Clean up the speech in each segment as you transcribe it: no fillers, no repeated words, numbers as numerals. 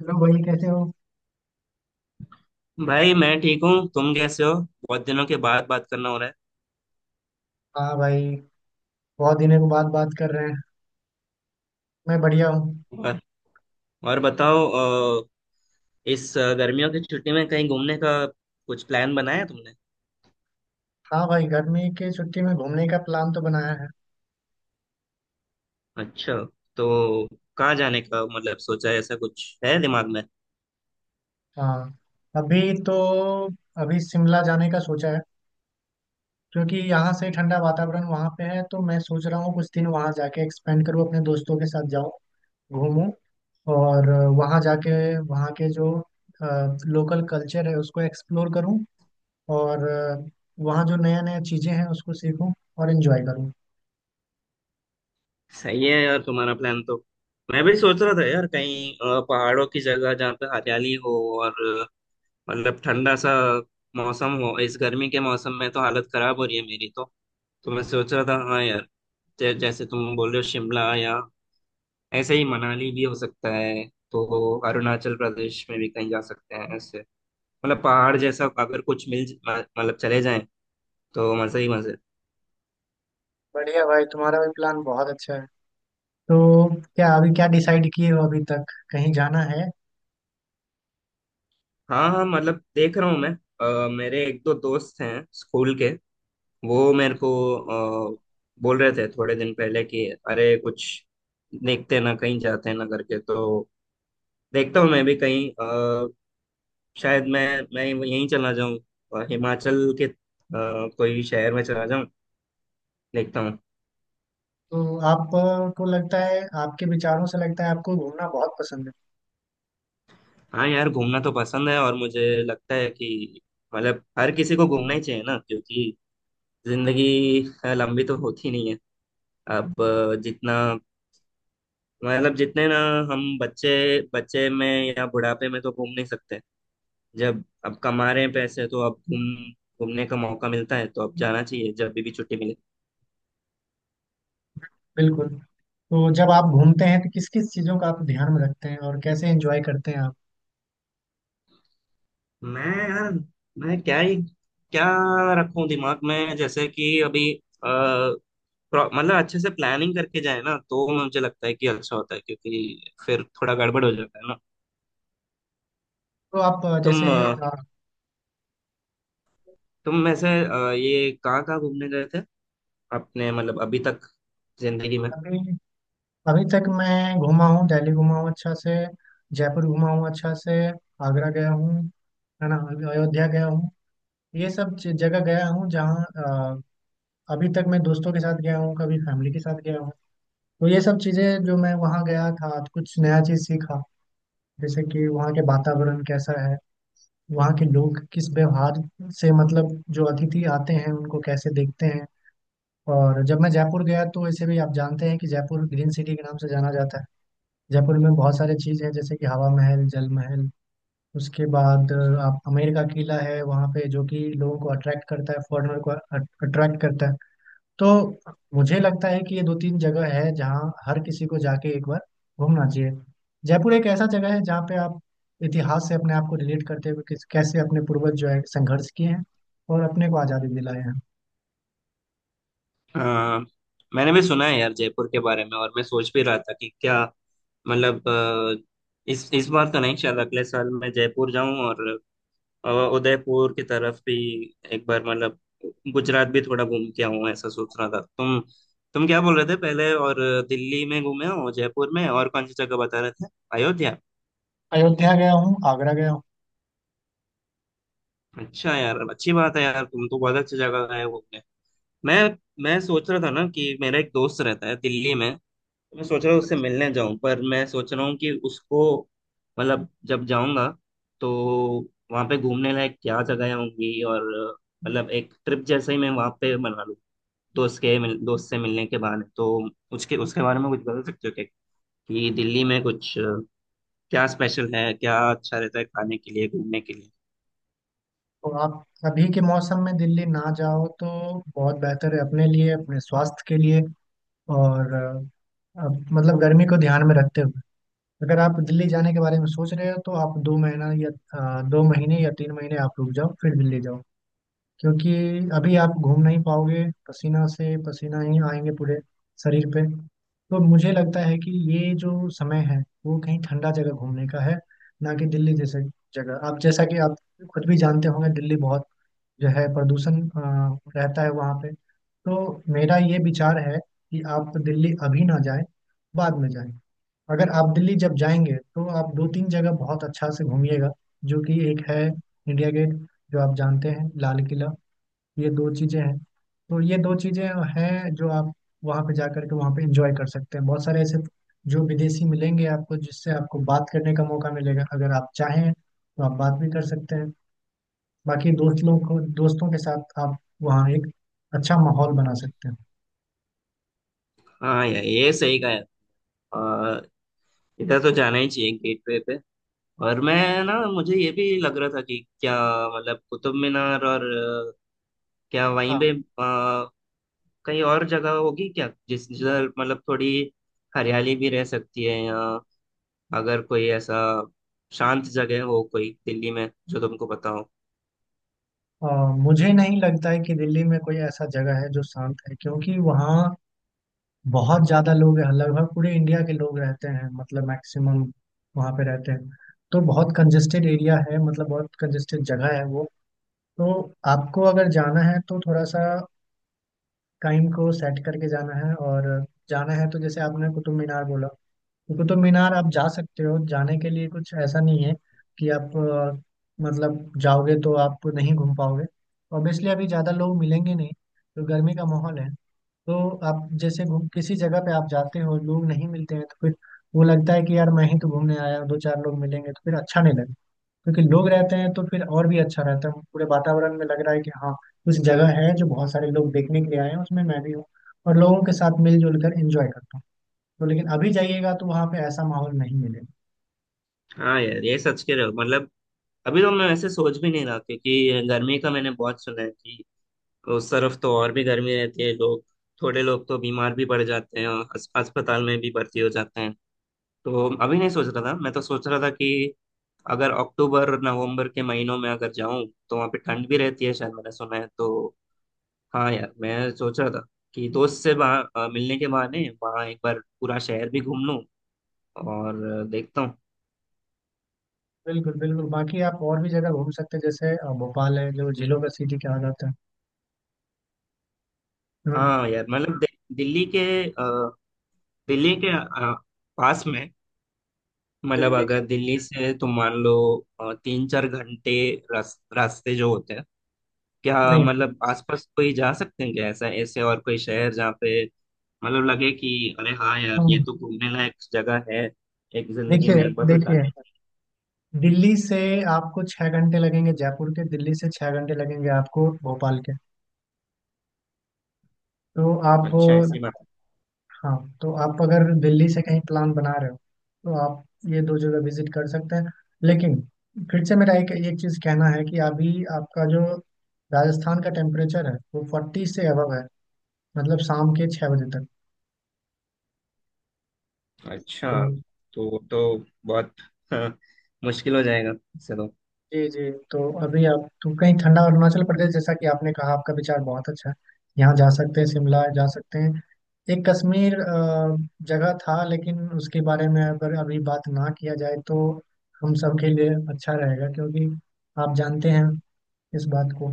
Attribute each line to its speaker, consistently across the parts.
Speaker 1: Hello भाई, कैसे हो?
Speaker 2: भाई मैं ठीक हूँ। तुम कैसे हो? बहुत दिनों के बाद बात करना हो रहा है।
Speaker 1: हाँ भाई, बहुत दिनों के बाद बात कर रहे हैं। मैं बढ़िया हूँ।
Speaker 2: और, और बताओ। अ, इस गर्मियों की छुट्टी में कहीं घूमने का कुछ प्लान बनाया तुमने?
Speaker 1: हाँ भाई, गर्मी की छुट्टी में घूमने का प्लान तो बनाया है।
Speaker 2: अच्छा। तो कहाँ जाने का मतलब सोचा है, ऐसा कुछ है दिमाग में?
Speaker 1: हाँ। अभी तो अभी शिमला जाने का सोचा है, क्योंकि यहाँ से ठंडा वातावरण वहाँ पे है, तो मैं सोच रहा हूँ कुछ दिन वहाँ जाके एक्सपेंड करूँ, अपने दोस्तों के साथ जाऊँ, घूमूं, और वहाँ जाके वहाँ के जो लोकल कल्चर है उसको एक्सप्लोर करूँ, और वहाँ जो नया नया चीज़ें हैं उसको सीखूँ और एंजॉय करूँ।
Speaker 2: सही है यार तुम्हारा प्लान तो। मैं भी सोच रहा था यार, कहीं पहाड़ों की जगह जहाँ पे हरियाली हो, और अ, मतलब ठंडा सा मौसम हो। इस गर्मी के मौसम में तो हालत खराब हो रही है मेरी तो। तो मैं सोच रहा था हाँ यार, जैसे तुम बोल रहे हो शिमला, या ऐसे ही मनाली भी हो सकता है। तो अरुणाचल प्रदेश में भी कहीं जा सकते हैं ऐसे। मतलब पहाड़ जैसा अगर कुछ मिल मतलब चले जाएं तो मजे ही मजे।
Speaker 1: बढ़िया भाई, तुम्हारा भी प्लान बहुत अच्छा है। तो क्या अभी क्या डिसाइड किए हो अभी तक? कहीं जाना है?
Speaker 2: हाँ हाँ, मतलब देख रहा हूँ मैं। मेरे एक दो दोस्त हैं स्कूल के। वो
Speaker 1: अच्छा।
Speaker 2: मेरे को अ, बोल रहे थे थोड़े दिन पहले कि अरे कुछ देखते हैं ना, कहीं जाते हैं ना करके, तो देखता हूँ मैं भी कहीं। शायद मैं यहीं चला जाऊँ। हिमाचल के कोई शहर में चला जाऊँ। देखता हूँ।
Speaker 1: तो आपको लगता है, आपके विचारों से लगता है आपको घूमना बहुत पसंद है।
Speaker 2: हाँ यार, घूमना तो पसंद है, और मुझे लगता है कि मतलब हर किसी को घूमना ही चाहिए ना, क्योंकि जिंदगी लंबी तो होती नहीं है। अब जितना मतलब जितने ना, हम बच्चे, बच्चे में या बुढ़ापे में तो घूम नहीं सकते। जब अब कमा रहे हैं पैसे तो अब घूमने का मौका मिलता है, तो अब जाना चाहिए जब भी छुट्टी मिले।
Speaker 1: बिल्कुल। तो जब आप घूमते हैं तो किस किस चीज़ों का आप ध्यान में रखते हैं और कैसे एंजॉय करते हैं आप?
Speaker 2: मैं यार, मैं क्या ही क्या रखूं दिमाग में, जैसे कि अभी? मतलब अच्छे से प्लानिंग करके जाए ना, तो मुझे लगता है कि अच्छा होता है, क्योंकि फिर थोड़ा गड़बड़ हो जाता है ना।
Speaker 1: तो आप जैसे
Speaker 2: तुम अ, तुम वैसे ये कहाँ कहाँ घूमने गए थे अपने, मतलब अभी तक जिंदगी में?
Speaker 1: अभी अभी तक मैं घूमा हूँ, दिल्ली घूमा हूँ अच्छा से, जयपुर घूमा हूँ अच्छा से, आगरा गया हूँ, है ना, अयोध्या गया हूँ, ये सब जगह गया हूँ। जहाँ अभी तक मैं दोस्तों के साथ गया हूँ, कभी फैमिली के साथ गया हूँ। तो ये सब चीज़ें जो मैं वहाँ गया था, तो कुछ नया चीज़ सीखा, जैसे कि वहाँ के वातावरण कैसा है, वहाँ के लोग किस व्यवहार से, मतलब जो अतिथि आते हैं उनको कैसे देखते हैं। और जब मैं जयपुर गया, तो वैसे भी आप जानते हैं कि जयपुर ग्रीन सिटी के नाम से जाना जाता है। जयपुर में बहुत सारे चीज़ हैं, जैसे कि हवा महल, जल महल, उसके बाद आप आमेर का किला है वहाँ पे, जो कि लोगों को अट्रैक्ट करता है, फॉरेनर को अट्रैक्ट करता है। तो मुझे लगता है कि ये दो तीन जगह है जहाँ हर किसी को जाके एक बार घूमना चाहिए। जयपुर एक ऐसा जगह है जहाँ पे आप इतिहास से अपने आप को रिलेट करते हुए किस कैसे अपने पूर्वज जो है संघर्ष किए हैं और अपने को आज़ादी दिलाए हैं।
Speaker 2: अ, मैंने भी सुना है यार जयपुर के बारे में, और मैं सोच भी रहा था कि क्या मतलब इस बार तो नहीं, शायद अगले साल मैं जयपुर जाऊं, और अ, उदयपुर की तरफ भी एक बार, मतलब गुजरात भी थोड़ा घूम के आऊँ, ऐसा सोच रहा था। तुम क्या बोल रहे थे पहले, और दिल्ली में घूमे हो, जयपुर में, और कौन सी जगह बता रहे थे? अयोध्या।
Speaker 1: अयोध्या गया हूँ, आगरा गया हूँ।
Speaker 2: अच्छा यार, अच्छी बात है यार, तुम तो बहुत अच्छी जगह गए घूमने। मैं मैं सोच रहा था ना कि मेरा एक दोस्त रहता है दिल्ली में। तो मैं सोच रहा हूँ उससे मिलने जाऊं, पर मैं सोच रहा हूँ कि उसको, मतलब जब जाऊंगा तो वहां पे घूमने लायक क्या जगह होंगी, और मतलब एक ट्रिप जैसे ही मैं वहां पे मना लूं, दोस्त से मिलने के बाद, तो उसके उसके बारे में कुछ बता सकते हो क्या? कि दिल्ली में कुछ क्या स्पेशल है, क्या अच्छा रहता है खाने के लिए, घूमने के लिए?
Speaker 1: तो आप अभी के मौसम में दिल्ली ना जाओ तो बहुत बेहतर है, अपने लिए, अपने स्वास्थ्य के लिए। और मतलब गर्मी को ध्यान में रखते हुए अगर आप दिल्ली जाने के बारे में सोच रहे हो, तो आप 2 महीना या 2 महीने या 3 महीने आप रुक जाओ, फिर दिल्ली जाओ। क्योंकि अभी आप घूम नहीं पाओगे, पसीना से पसीना ही आएंगे पूरे शरीर पे। तो मुझे लगता है कि ये जो समय है वो कहीं ठंडा जगह घूमने का है, ना कि दिल्ली जैसे जगह। आप जैसा कि आप खुद भी जानते होंगे, दिल्ली बहुत जो है प्रदूषण रहता है वहाँ पे। तो मेरा ये विचार है कि आप दिल्ली अभी ना जाएं, बाद में जाएं। अगर आप दिल्ली जब जाएंगे तो आप दो तीन जगह बहुत अच्छा से घूमिएगा, जो कि एक है इंडिया गेट, जो आप जानते हैं लाल किला। ये दो चीज़ें हैं। तो ये दो चीज़ें हैं जो आप वहाँ पे जा करके वहाँ पे एंजॉय कर सकते हैं। बहुत सारे ऐसे जो विदेशी मिलेंगे आपको, जिससे आपको बात करने का मौका मिलेगा। अगर आप चाहें तो आप बात भी कर सकते हैं। बाकी दोस्त लोग को, दोस्तों के साथ आप वहाँ एक अच्छा माहौल बना सकते हैं।
Speaker 2: हाँ यार, ये सही कहा है। और इधर तो जाना ही चाहिए, गेटवे पे। और मैं ना, मुझे ये भी लग रहा था कि क्या मतलब कुतुब मीनार, और अ, क्या वहीं
Speaker 1: हाँ।
Speaker 2: पे कहीं और जगह होगी क्या, जिस जिधर मतलब थोड़ी हरियाली भी रह सकती है, या अगर कोई ऐसा शांत जगह हो कोई दिल्ली में जो तुमको पता हो?
Speaker 1: अ, मुझे नहीं लगता है कि दिल्ली में कोई ऐसा जगह है जो शांत है, क्योंकि वहाँ बहुत ज्यादा लोग हैं, लगभग पूरे इंडिया के लोग रहते हैं, मतलब मैक्सिमम वहाँ पे रहते हैं। तो बहुत कंजेस्टेड एरिया है, मतलब बहुत कंजेस्टेड जगह है वो। तो आपको अगर जाना है तो थोड़ा सा टाइम को सेट करके जाना है। और जाना है तो जैसे आपने कुतुब मीनार बोला, तो कुतुब मीनार आप जा सकते हो। जाने के लिए कुछ ऐसा नहीं है कि आप मतलब जाओगे तो आप नहीं घूम पाओगे। ऑब्वियसली अभी ज़्यादा लोग मिलेंगे नहीं, तो गर्मी का माहौल है। तो आप जैसे घूम किसी जगह पे आप जाते हो, लोग नहीं मिलते हैं, तो फिर वो लगता है कि यार मैं ही तो घूमने आया हूँ, दो चार लोग मिलेंगे तो फिर अच्छा नहीं लगता। क्योंकि लोग रहते हैं तो फिर और भी अच्छा रहता है, पूरे वातावरण में लग रहा है कि हाँ कुछ जगह है जो बहुत सारे लोग देखने के लिए आए हैं, उसमें मैं भी हूँ, और लोगों के साथ मिलजुल कर एंजॉय करता हूँ। तो लेकिन अभी जाइएगा तो वहाँ पे ऐसा माहौल नहीं मिलेगा।
Speaker 2: हाँ यार, ये सच कह रहे हो मतलब। अभी तो मैं वैसे सोच भी नहीं रहा, क्योंकि गर्मी का मैंने बहुत सुना है कि उस तरफ तो और भी गर्मी रहती है। लोग, थोड़े लोग तो बीमार भी पड़ जाते हैं और अस्पताल में भी भर्ती हो जाते हैं। तो अभी नहीं सोच रहा था। मैं तो सोच रहा था कि अगर अक्टूबर नवंबर के महीनों में अगर जाऊं तो वहाँ पे ठंड भी रहती है शायद, मैंने सुना है तो। हाँ यार, मैं सोच रहा था कि दोस्त से वहाँ मिलने के बहाने वहाँ एक बार पूरा शहर भी घूम लूं, और देखता हूँ।
Speaker 1: बिल्कुल बिल्कुल, बाकी आप और भी जगह घूम सकते हैं, जैसे भोपाल है जो झीलों का सिटी कहा जाता है। हाँ,
Speaker 2: हाँ यार मतलब, दि- दिल्ली के अ, दिल्ली के अ, पास में, मतलब
Speaker 1: दिल्ली के,
Speaker 2: अगर दिल्ली से तुम मान लो तीन चार घंटे रास्ते जो होते हैं, क्या
Speaker 1: नहीं।
Speaker 2: मतलब आसपास कोई जा सकते हैं क्या, ऐसा ऐसे और कोई शहर जहाँ पे मतलब लगे कि अरे हाँ यार ये
Speaker 1: हाँ,
Speaker 2: तो घूमने लायक जगह है, एक जिंदगी
Speaker 1: देखिए,
Speaker 2: में एक बार तो
Speaker 1: देखिए,
Speaker 2: जाना ही
Speaker 1: दिल्ली से आपको 6 घंटे लगेंगे जयपुर के, दिल्ली से 6 घंटे लगेंगे आपको भोपाल के। तो आप,
Speaker 2: चाहिए। अच्छा, ऐसी बात
Speaker 1: हाँ, तो आप अगर दिल्ली से कहीं प्लान बना रहे हो, तो आप ये दो जगह विजिट कर सकते हैं। लेकिन फिर से मेरा एक एक चीज़ कहना है कि अभी आपका जो राजस्थान का टेम्परेचर है वो 40 से अबव है, मतलब शाम के 6 बजे तक।
Speaker 2: है।
Speaker 1: तो
Speaker 2: अच्छा। तो बहुत, हाँ, मुश्किल हो जाएगा। चलो।
Speaker 1: जी जी। तो अभी आप तो कहीं ठंडा अरुणाचल प्रदेश जैसा कि आपने कहा, आपका विचार बहुत अच्छा है, यहाँ जा सकते हैं, शिमला जा सकते हैं। एक कश्मीर जगह था, लेकिन उसके बारे में अगर अभी बात ना किया जाए तो हम सबके लिए अच्छा रहेगा, क्योंकि आप जानते हैं इस बात को।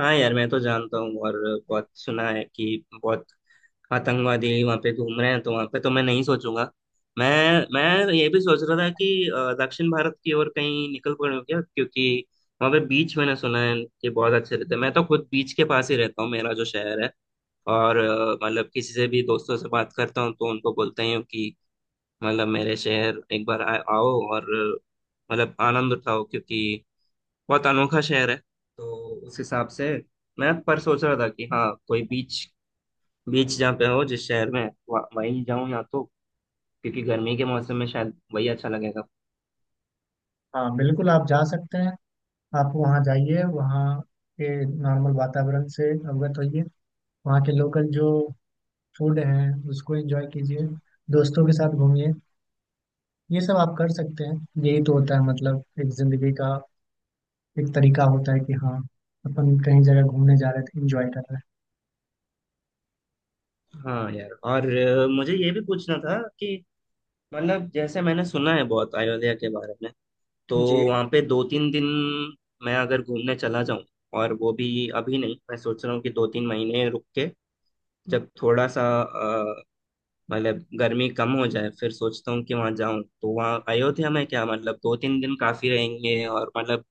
Speaker 2: हाँ यार, मैं तो जानता हूँ, और बहुत सुना है कि बहुत आतंकवादी वहाँ पे घूम रहे हैं, तो वहाँ पे तो मैं नहीं सोचूंगा। मैं मैं ये भी सोच रहा था कि दक्षिण भारत की ओर कहीं निकल पड़ूं क्या, क्योंकि वहाँ पे बीच मैंने सुना है कि बहुत अच्छे रहते हैं। मैं तो खुद बीच के पास ही रहता हूँ, मेरा जो शहर है। और मतलब किसी से भी, दोस्तों से बात करता हूँ तो उनको बोलता ही हूँ कि मतलब मेरे शहर एक बार आओ, और मतलब आनंद उठाओ, क्योंकि बहुत अनोखा शहर है। तो उस हिसाब से मैं पर सोच रहा था कि हाँ, कोई बीच बीच जहाँ पे हो जिस शहर में, वहीं जाऊँ या तो, क्योंकि गर्मी के मौसम में शायद वही अच्छा लगेगा।
Speaker 1: हाँ बिल्कुल, आप जा सकते हैं। आप वहाँ जाइए, वहाँ के नॉर्मल वातावरण से अवगत होइए, वहाँ के लोकल जो फूड हैं उसको एंजॉय कीजिए, दोस्तों के साथ घूमिए, ये सब आप कर सकते हैं। यही तो होता है, मतलब एक जिंदगी का एक तरीका होता है कि हाँ अपन कहीं जगह घूमने जा रहे थे, एंजॉय कर रहे।
Speaker 2: हाँ यार, और मुझे ये भी पूछना था कि मतलब जैसे मैंने सुना है बहुत अयोध्या के बारे में। तो
Speaker 1: जी हैं।
Speaker 2: वहाँ पे दो तीन दिन मैं अगर घूमने चला जाऊँ, और वो भी अभी नहीं। मैं सोच रहा हूँ कि दो तीन महीने रुक के, जब थोड़ा सा मतलब गर्मी कम हो जाए, फिर सोचता हूँ कि वहां जाऊं। तो वहाँ अयोध्या में क्या मतलब दो तीन दिन काफी रहेंगे, और मतलब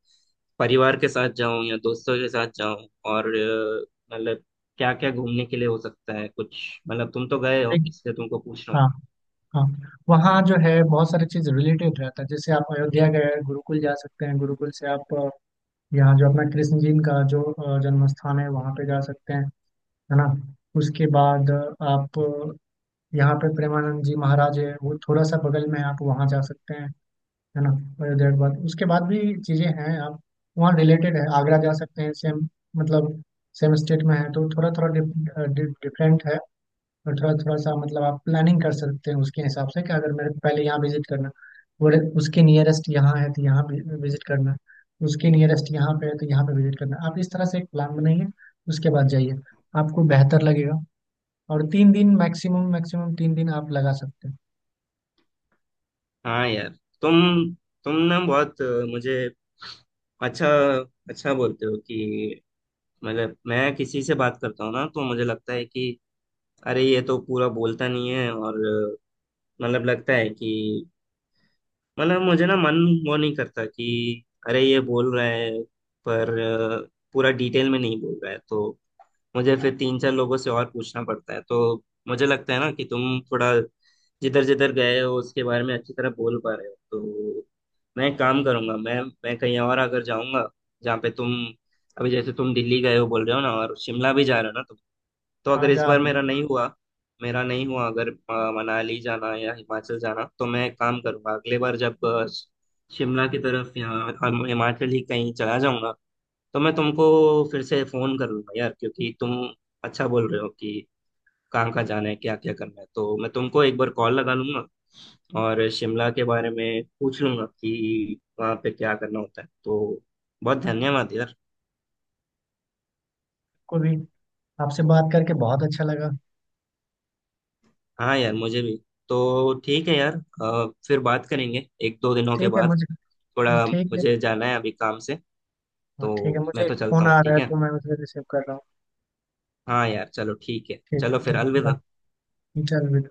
Speaker 2: परिवार के साथ जाऊं या दोस्तों के साथ जाऊं, और मतलब क्या क्या घूमने के लिए हो सकता है कुछ? मतलब तुम तो गए हो
Speaker 1: एक,
Speaker 2: इसलिए तुमको पूछ रहा हूँ।
Speaker 1: हाँ, हाँ, वहाँ जो है बहुत सारी चीज रिलेटेड रहता है। जैसे आप अयोध्या गए, गुरुकुल जा सकते हैं, गुरुकुल से आप यहाँ जो अपना कृष्ण जी का जो जन्म स्थान है वहाँ पे जा सकते हैं, है ना। उसके बाद आप यहाँ पे प्रेमानंद जी महाराज है, वो थोड़ा सा बगल में है, आप वहाँ जा सकते हैं, है ना। देर बाद उसके बाद भी चीज़ें हैं, आप वहाँ रिलेटेड है, आगरा जा सकते हैं, सेम मतलब सेम स्टेट में है, तो थोड़ा थोड़ा डिफरेंट है। और थोड़ा थोड़ा सा मतलब आप प्लानिंग कर सकते हैं उसके हिसाब से कि अगर मेरे को पहले यहाँ विजिट करना, और उसके नियरेस्ट यहाँ है तो यहाँ विजिट करना, उसके नियरेस्ट यहाँ पे है तो यहाँ पे विजिट करना। आप इस तरह से एक प्लान बनाइए, उसके बाद जाइए, आपको बेहतर लगेगा। और 3 दिन मैक्सिमम, मैक्सिमम 3 दिन आप लगा सकते हैं।
Speaker 2: हाँ यार, तुम तुम ना बहुत मुझे अच्छा अच्छा बोलते हो कि मतलब मैं किसी से बात करता हूँ ना, तो मुझे लगता है कि अरे ये तो पूरा बोलता नहीं है, और मतलब लगता है कि मतलब मुझे ना मन वो नहीं करता कि अरे ये बोल रहा है, पर पूरा डिटेल में नहीं बोल रहा है, तो मुझे फिर तीन चार लोगों से और पूछना पड़ता है। तो मुझे लगता है ना कि तुम थोड़ा जिधर जिधर गए हो उसके बारे में अच्छी तरह बोल पा रहे हो। तो मैं एक काम करूंगा, मैं कहीं और अगर जाऊंगा जहाँ पे तुम, अभी जैसे तुम दिल्ली गए हो बोल रहे हो ना, और शिमला भी जा रहे हो ना, तो
Speaker 1: हाँ
Speaker 2: अगर इस
Speaker 1: जा।
Speaker 2: बार मेरा नहीं हुआ अगर मनाली जाना या हिमाचल जाना, तो मैं एक काम करूंगा, अगले बार जब शिमला की तरफ या हिमाचल ही कहीं चला जाऊंगा, तो मैं तुमको फिर से फोन कर लूंगा यार, क्योंकि तुम अच्छा बोल रहे हो कि कहाँ कहाँ जाना है, क्या क्या करना है, तो मैं तुमको एक बार कॉल लगा लूंगा और शिमला के बारे में पूछ लूंगा कि वहाँ पे क्या करना होता है। तो बहुत धन्यवाद यार।
Speaker 1: कोई भी, आपसे बात करके बहुत अच्छा लगा।
Speaker 2: हाँ यार, मुझे भी। तो ठीक है यार, फिर बात करेंगे एक दो दिनों के
Speaker 1: ठीक है
Speaker 2: बाद।
Speaker 1: मुझे।
Speaker 2: थोड़ा
Speaker 1: ठीक है,
Speaker 2: मुझे जाना है अभी काम से,
Speaker 1: हाँ ठीक है,
Speaker 2: तो
Speaker 1: मुझे
Speaker 2: मैं
Speaker 1: एक
Speaker 2: तो चलता
Speaker 1: फोन
Speaker 2: हूँ,
Speaker 1: आ रहा
Speaker 2: ठीक
Speaker 1: है,
Speaker 2: है।
Speaker 1: तो मैं उसे रिसीव कर रहा हूँ।
Speaker 2: हाँ यार, चलो ठीक है,
Speaker 1: ठीक है,
Speaker 2: चलो फिर अलविदा।
Speaker 1: धन्यवाद। चल।